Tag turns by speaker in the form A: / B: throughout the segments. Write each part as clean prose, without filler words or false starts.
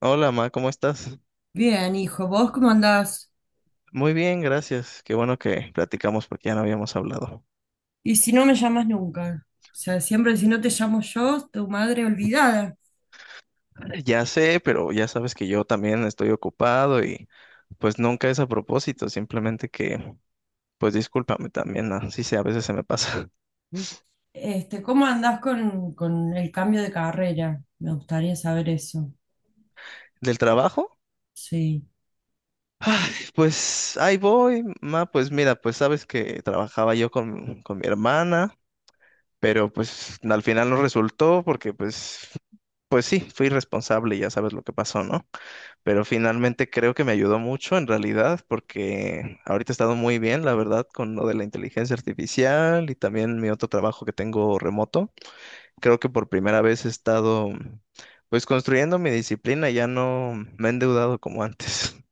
A: Hola, Ma, ¿cómo estás?
B: Bien, hijo, ¿vos cómo andás?
A: Muy bien, gracias. Qué bueno que platicamos porque ya no habíamos hablado.
B: Y si no me llamas nunca, o sea, siempre si no te llamo yo, tu madre olvidada.
A: Ya sé, pero ya sabes que yo también estoy ocupado y pues nunca es a propósito, simplemente que pues discúlpame también, ¿no? Sí sé, a veces se me pasa.
B: ¿Cómo andás con el cambio de carrera? Me gustaría saber eso.
A: ¿Del trabajo?
B: Sí.
A: Ay, pues ahí voy, Ma, pues mira, pues sabes que trabajaba yo con mi hermana, pero pues al final no resultó porque pues, pues sí, fui responsable y ya sabes lo que pasó, ¿no? Pero finalmente creo que me ayudó mucho en realidad porque ahorita he estado muy bien, la verdad, con lo de la inteligencia artificial y también mi otro trabajo que tengo remoto. Creo que por primera vez he estado pues construyendo mi disciplina, ya no me he endeudado como antes.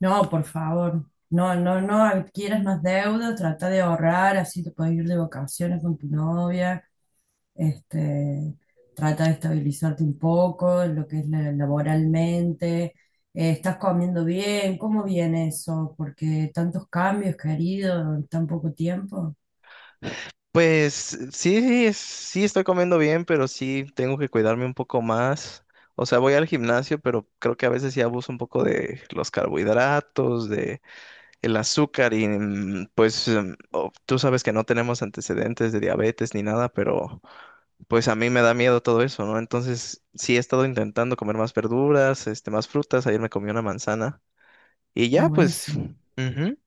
B: No, por favor, no, no, no adquieras más deuda, trata de ahorrar, así te puedes ir de vacaciones con tu novia, este, trata de estabilizarte un poco en lo que es laboralmente. Estás comiendo bien, ¿cómo viene eso? Porque tantos cambios, querido, en tan poco tiempo.
A: Pues sí, sí, sí estoy comiendo bien, pero sí tengo que cuidarme un poco más. O sea, voy al gimnasio, pero creo que a veces sí abuso un poco de los carbohidratos, el azúcar y pues tú sabes que no tenemos antecedentes de diabetes ni nada, pero pues a mí me da miedo todo eso, ¿no? Entonces sí he estado intentando comer más verduras, este, más frutas, ayer me comí una manzana y
B: No,
A: ya pues,
B: buenísimo.
A: ujú,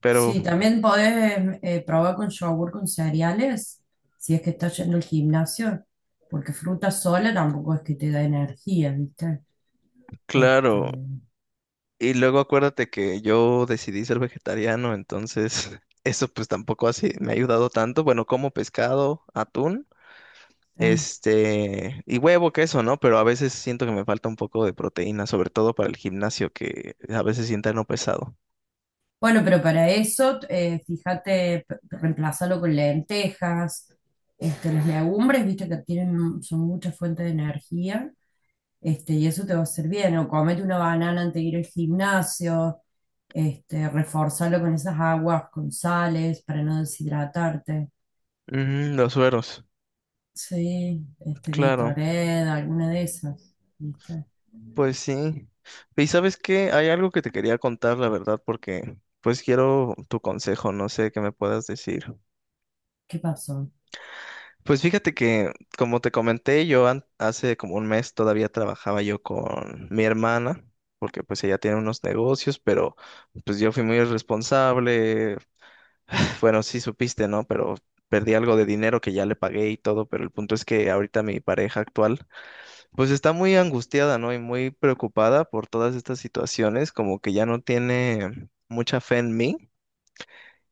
A: pero
B: Sí, también podés probar con yogur con cereales, si es que estás yendo al gimnasio, porque fruta sola tampoco es que te da energía, ¿viste? Este,
A: claro, y luego acuérdate que yo decidí ser vegetariano, entonces eso pues tampoco así me ha ayudado tanto, bueno, como pescado, atún.
B: eh,
A: Este, y huevo, queso, ¿no? Pero a veces siento que me falta un poco de proteína, sobre todo para el gimnasio, que a veces sienta no pesado.
B: Bueno, pero para eso, fíjate, reemplázalo con lentejas. Las legumbres, viste que tienen, son mucha fuente de energía. Y eso te va a hacer bien. O comete una banana antes de ir al gimnasio. Reforzalo con esas aguas, con sales, para no deshidratarte.
A: Ujú, los sueros,
B: Sí,
A: claro,
B: Gatorade, alguna de esas, ¿viste?
A: pues sí. Y sabes qué, hay algo que te quería contar, la verdad, porque pues quiero tu consejo, no sé qué me puedas decir.
B: ¿Qué pasó?
A: Pues fíjate que, como te comenté, yo hace como un mes todavía trabajaba yo con mi hermana, porque pues ella tiene unos negocios, pero pues yo fui muy irresponsable. Bueno, sí supiste, ¿no? Pero perdí algo de dinero que ya le pagué y todo, pero el punto es que ahorita mi pareja actual, pues está muy angustiada, ¿no? Y muy preocupada por todas estas situaciones, como que ya no tiene mucha fe en mí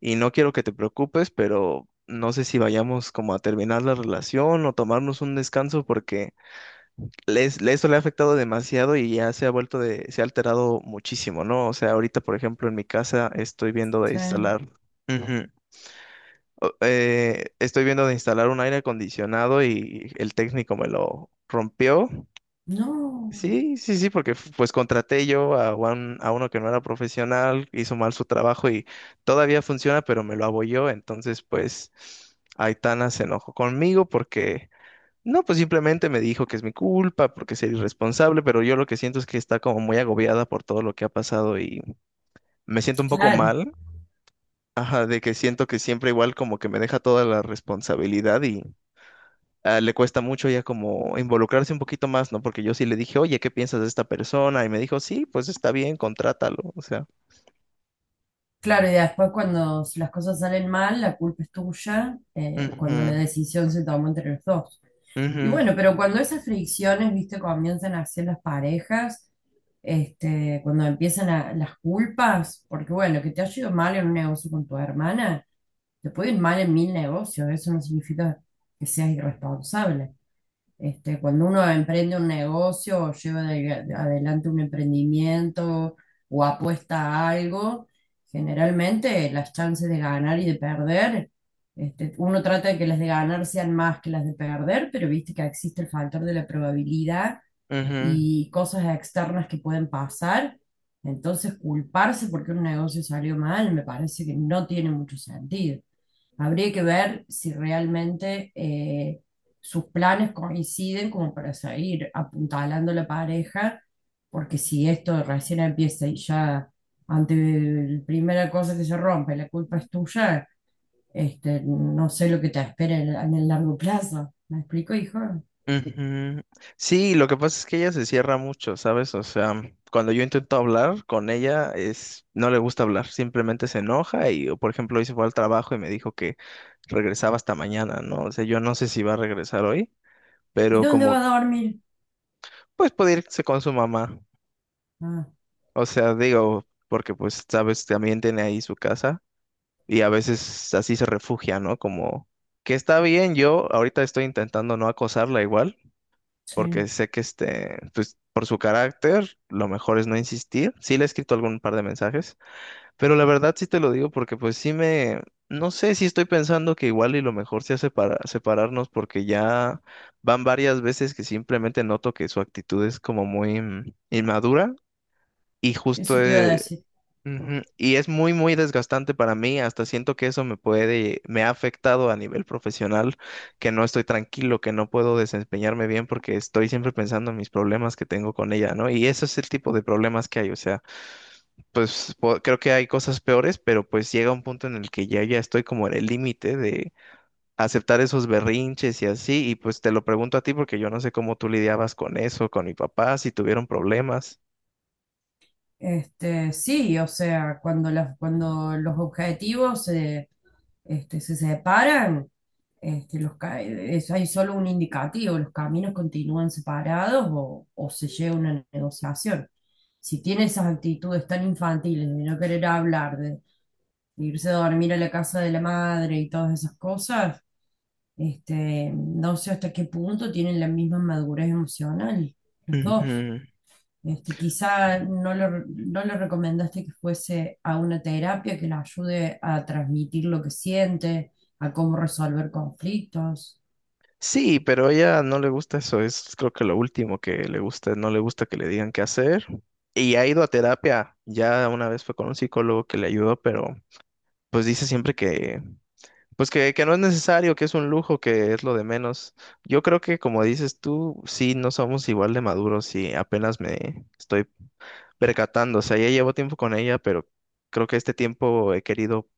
A: y no quiero que te preocupes, pero no sé si vayamos como a terminar la relación o tomarnos un descanso porque eso le ha afectado demasiado y ya se ha vuelto se ha alterado muchísimo, ¿no? O sea, ahorita, por ejemplo, en mi casa estoy viendo de
B: Sí.
A: instalar. Ujú. Estoy viendo de instalar un aire acondicionado y el técnico me lo rompió.
B: No,
A: Sí, sí, sí, porque pues contraté yo a, a uno que no era profesional, hizo mal su trabajo y todavía funciona, pero me lo abolló. Entonces, pues Aitana se enojó conmigo porque, no, pues simplemente me dijo que es mi culpa, porque soy irresponsable, pero yo lo que siento es que está como muy agobiada por todo lo que ha pasado y me siento un poco
B: claro.
A: mal. Ajá, de que siento que siempre igual como que me deja toda la responsabilidad, ah, le cuesta mucho ya como involucrarse un poquito más, ¿no? Porque yo sí le dije, oye, ¿qué piensas de esta persona? Y me dijo, sí, pues está bien, contrátalo, o sea.
B: Claro, y después cuando las cosas salen mal, la culpa es tuya, cuando la
A: Ujú,
B: decisión se tomó entre los dos. Y
A: ujú,
B: bueno, pero cuando esas fricciones, viste, comienzan a hacer las parejas, cuando las culpas, porque bueno, que te haya ido mal en un negocio con tu hermana, te puede ir mal en mil negocios, eso no significa que seas irresponsable. Cuando uno emprende un negocio o lleva adelante un emprendimiento o apuesta a algo, generalmente las chances de ganar y de perder, uno trata de que las de ganar sean más que las de perder, pero viste que existe el factor de la probabilidad
A: ujú,
B: y cosas externas que pueden pasar. Entonces, culparse porque un negocio salió mal me parece que no tiene mucho sentido. Habría que ver si realmente sus planes coinciden como para seguir apuntalando a la pareja, porque si esto recién empieza y ya ante la primera cosa que se rompe, la culpa es tuya. No sé lo que te espera en el largo plazo. ¿Me explico, hijo?
A: ujú. Sí, lo que pasa es que ella se cierra mucho, ¿sabes? O sea, cuando yo intento hablar con ella, es, no le gusta hablar, simplemente se enoja y, o, por ejemplo, hoy se fue al trabajo y me dijo que regresaba hasta mañana, ¿no? O sea, yo no sé si va a regresar hoy,
B: ¿Y
A: pero
B: dónde va
A: como,
B: a dormir?
A: pues puede irse con su mamá.
B: Ah,
A: O sea, digo, porque pues, sabes, también tiene ahí su casa y a veces así se refugia, ¿no? Como que está bien, yo ahorita estoy intentando no acosarla igual,
B: sí,
A: porque sé que este, pues por su carácter, lo mejor es no insistir. Sí le he escrito algún par de mensajes, pero la verdad sí te lo digo porque pues sí me, no sé si estoy pensando que igual y lo mejor sea separarnos porque ya van varias veces que simplemente noto que su actitud es como muy inmadura. Y justo
B: eso te iba a decir.
A: ujú, y es muy, muy desgastante para mí. Hasta siento que eso me puede, me ha afectado a nivel profesional, que no estoy tranquilo, que no puedo desempeñarme bien porque estoy siempre pensando en mis problemas que tengo con ella, ¿no? Y ese es el tipo de problemas que hay. O sea, pues creo que hay cosas peores, pero pues llega un punto en el que ya estoy como en el límite de aceptar esos berrinches y así. Y pues te lo pregunto a ti porque yo no sé cómo tú lidiabas con eso, con mi papá, si tuvieron problemas.
B: Sí, o sea, cuando, las, cuando los objetivos se, se separan. Hay solo un indicativo, los caminos continúan separados o se llega a una negociación. Si tiene esas actitudes tan infantiles de no querer hablar, de irse a dormir a la casa de la madre y todas esas cosas, no sé hasta qué punto tienen la misma madurez emocional, los dos.
A: Ujú.
B: Quizá no le recomendaste que fuese a una terapia que le ayude a transmitir lo que siente, a cómo resolver conflictos.
A: Sí, pero a ella no le gusta eso, es creo que lo último que le gusta, no le gusta que le digan qué hacer. Y ha ido a terapia, ya una vez fue con un psicólogo que le ayudó, pero pues dice siempre que, pues que, no es necesario, que es un lujo, que es lo de menos. Yo creo que como dices tú, sí, no somos igual de maduros y apenas me estoy percatando, o sea, ya llevo tiempo con ella, pero creo que este tiempo he querido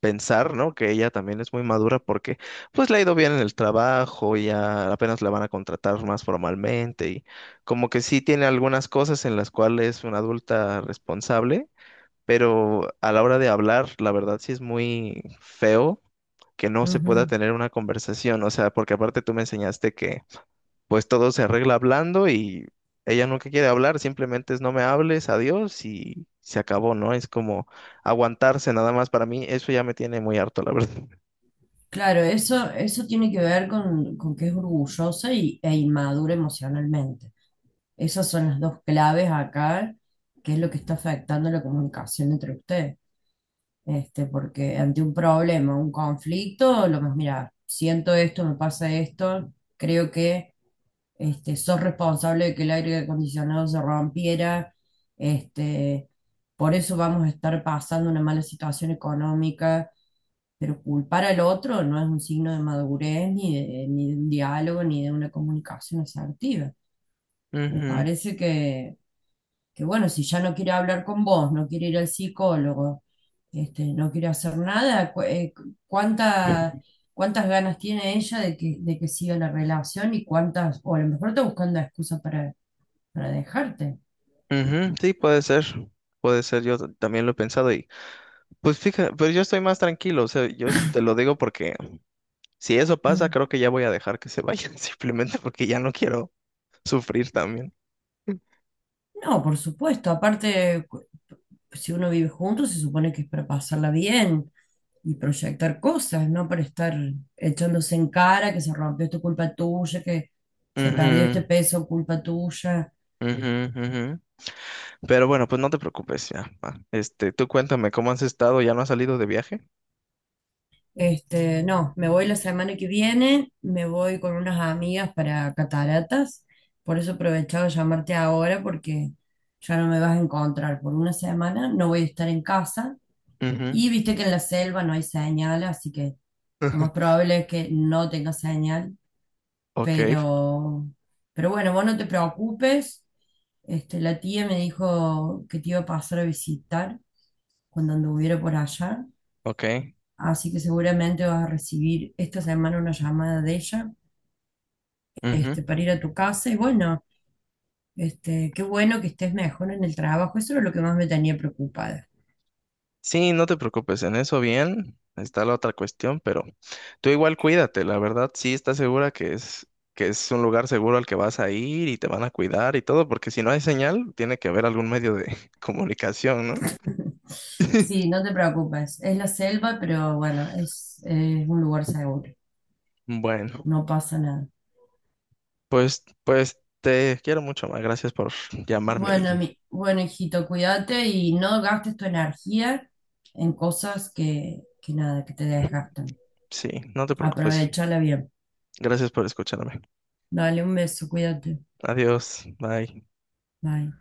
A: pensar, ¿no? Que ella también es muy madura porque pues le ha ido bien en el trabajo, ya apenas la van a contratar más formalmente y como que sí tiene algunas cosas en las cuales es una adulta responsable, pero a la hora de hablar, la verdad sí es muy feo que no se pueda tener una conversación, o sea, porque aparte tú me enseñaste que pues todo se arregla hablando y ella nunca quiere hablar, simplemente es no me hables, adiós y se acabó, ¿no? Es como aguantarse nada más para mí, eso ya me tiene muy harto, la verdad.
B: Claro, eso tiene que ver con que es orgullosa y, e inmadura emocionalmente. Esas son las dos claves acá, que es lo que está afectando la comunicación entre ustedes. Porque ante un problema, un conflicto, lo más, mira, siento esto, me pasa esto, creo que sos responsable de que el aire acondicionado se rompiera, este, por eso vamos a estar pasando una mala situación económica, pero culpar al otro no es un signo de madurez, ni de, ni de un diálogo, ni de una comunicación asertiva. Me
A: Ujú.
B: parece que, bueno, si ya no quiere hablar con vos, no quiere ir al psicólogo, no quiere hacer nada. Cuántas ganas tiene ella de que siga la relación y cuántas, o a lo mejor está buscando excusa para dejarte.
A: Ujú, sí, puede ser, yo también lo he pensado y pues fíjate, pero yo estoy más tranquilo, o sea, yo te lo digo porque si eso pasa, creo que ya voy a dejar que se vayan, simplemente porque ya no quiero sufrir también.
B: No, por supuesto. Si uno vive junto, se supone que es para pasarla bien y proyectar cosas, no para estar echándose en cara que se rompió esto culpa tuya, que se perdió este peso culpa tuya.
A: Ujú, ujú, ujú. Pero bueno, pues no te preocupes ya. Va. Este, tú cuéntame cómo has estado, ¿ya no has salido de viaje?
B: No, me voy la semana que viene, me voy con unas amigas para cataratas. Por eso aprovechaba llamarte ahora porque ya no me vas a encontrar por una semana, no voy a estar en casa. Y
A: Ujú.
B: viste que en la selva no hay señal, así que lo más probable es que no tenga señal,
A: Ok,
B: pero, pero bueno, vos no te preocupes. La tía me dijo que te iba a pasar a visitar cuando anduviera por allá,
A: ok.
B: así que seguramente vas a recibir esta semana una llamada de ella,
A: Ujú.
B: para ir a tu casa y bueno, qué bueno que estés mejor en el trabajo, eso era lo que más me tenía preocupada.
A: Sí, no te preocupes, en eso bien. Está la otra cuestión, pero tú igual cuídate, la verdad, sí estás segura que es un lugar seguro al que vas a ir y te van a cuidar y todo, porque si no hay señal, tiene que haber algún medio de comunicación, ¿no?
B: Sí, no te preocupes. Es la selva, pero bueno, es un lugar seguro.
A: Bueno,
B: No pasa nada.
A: pues te quiero mucho más. Gracias por llamarme
B: Bueno,
A: y
B: mi, bueno, hijito, cuídate y no gastes tu energía en cosas que nada, que te desgastan.
A: sí, no te preocupes.
B: Aprovechala bien.
A: Gracias por escucharme.
B: Dale un beso, cuídate.
A: Adiós. Bye.
B: Bye.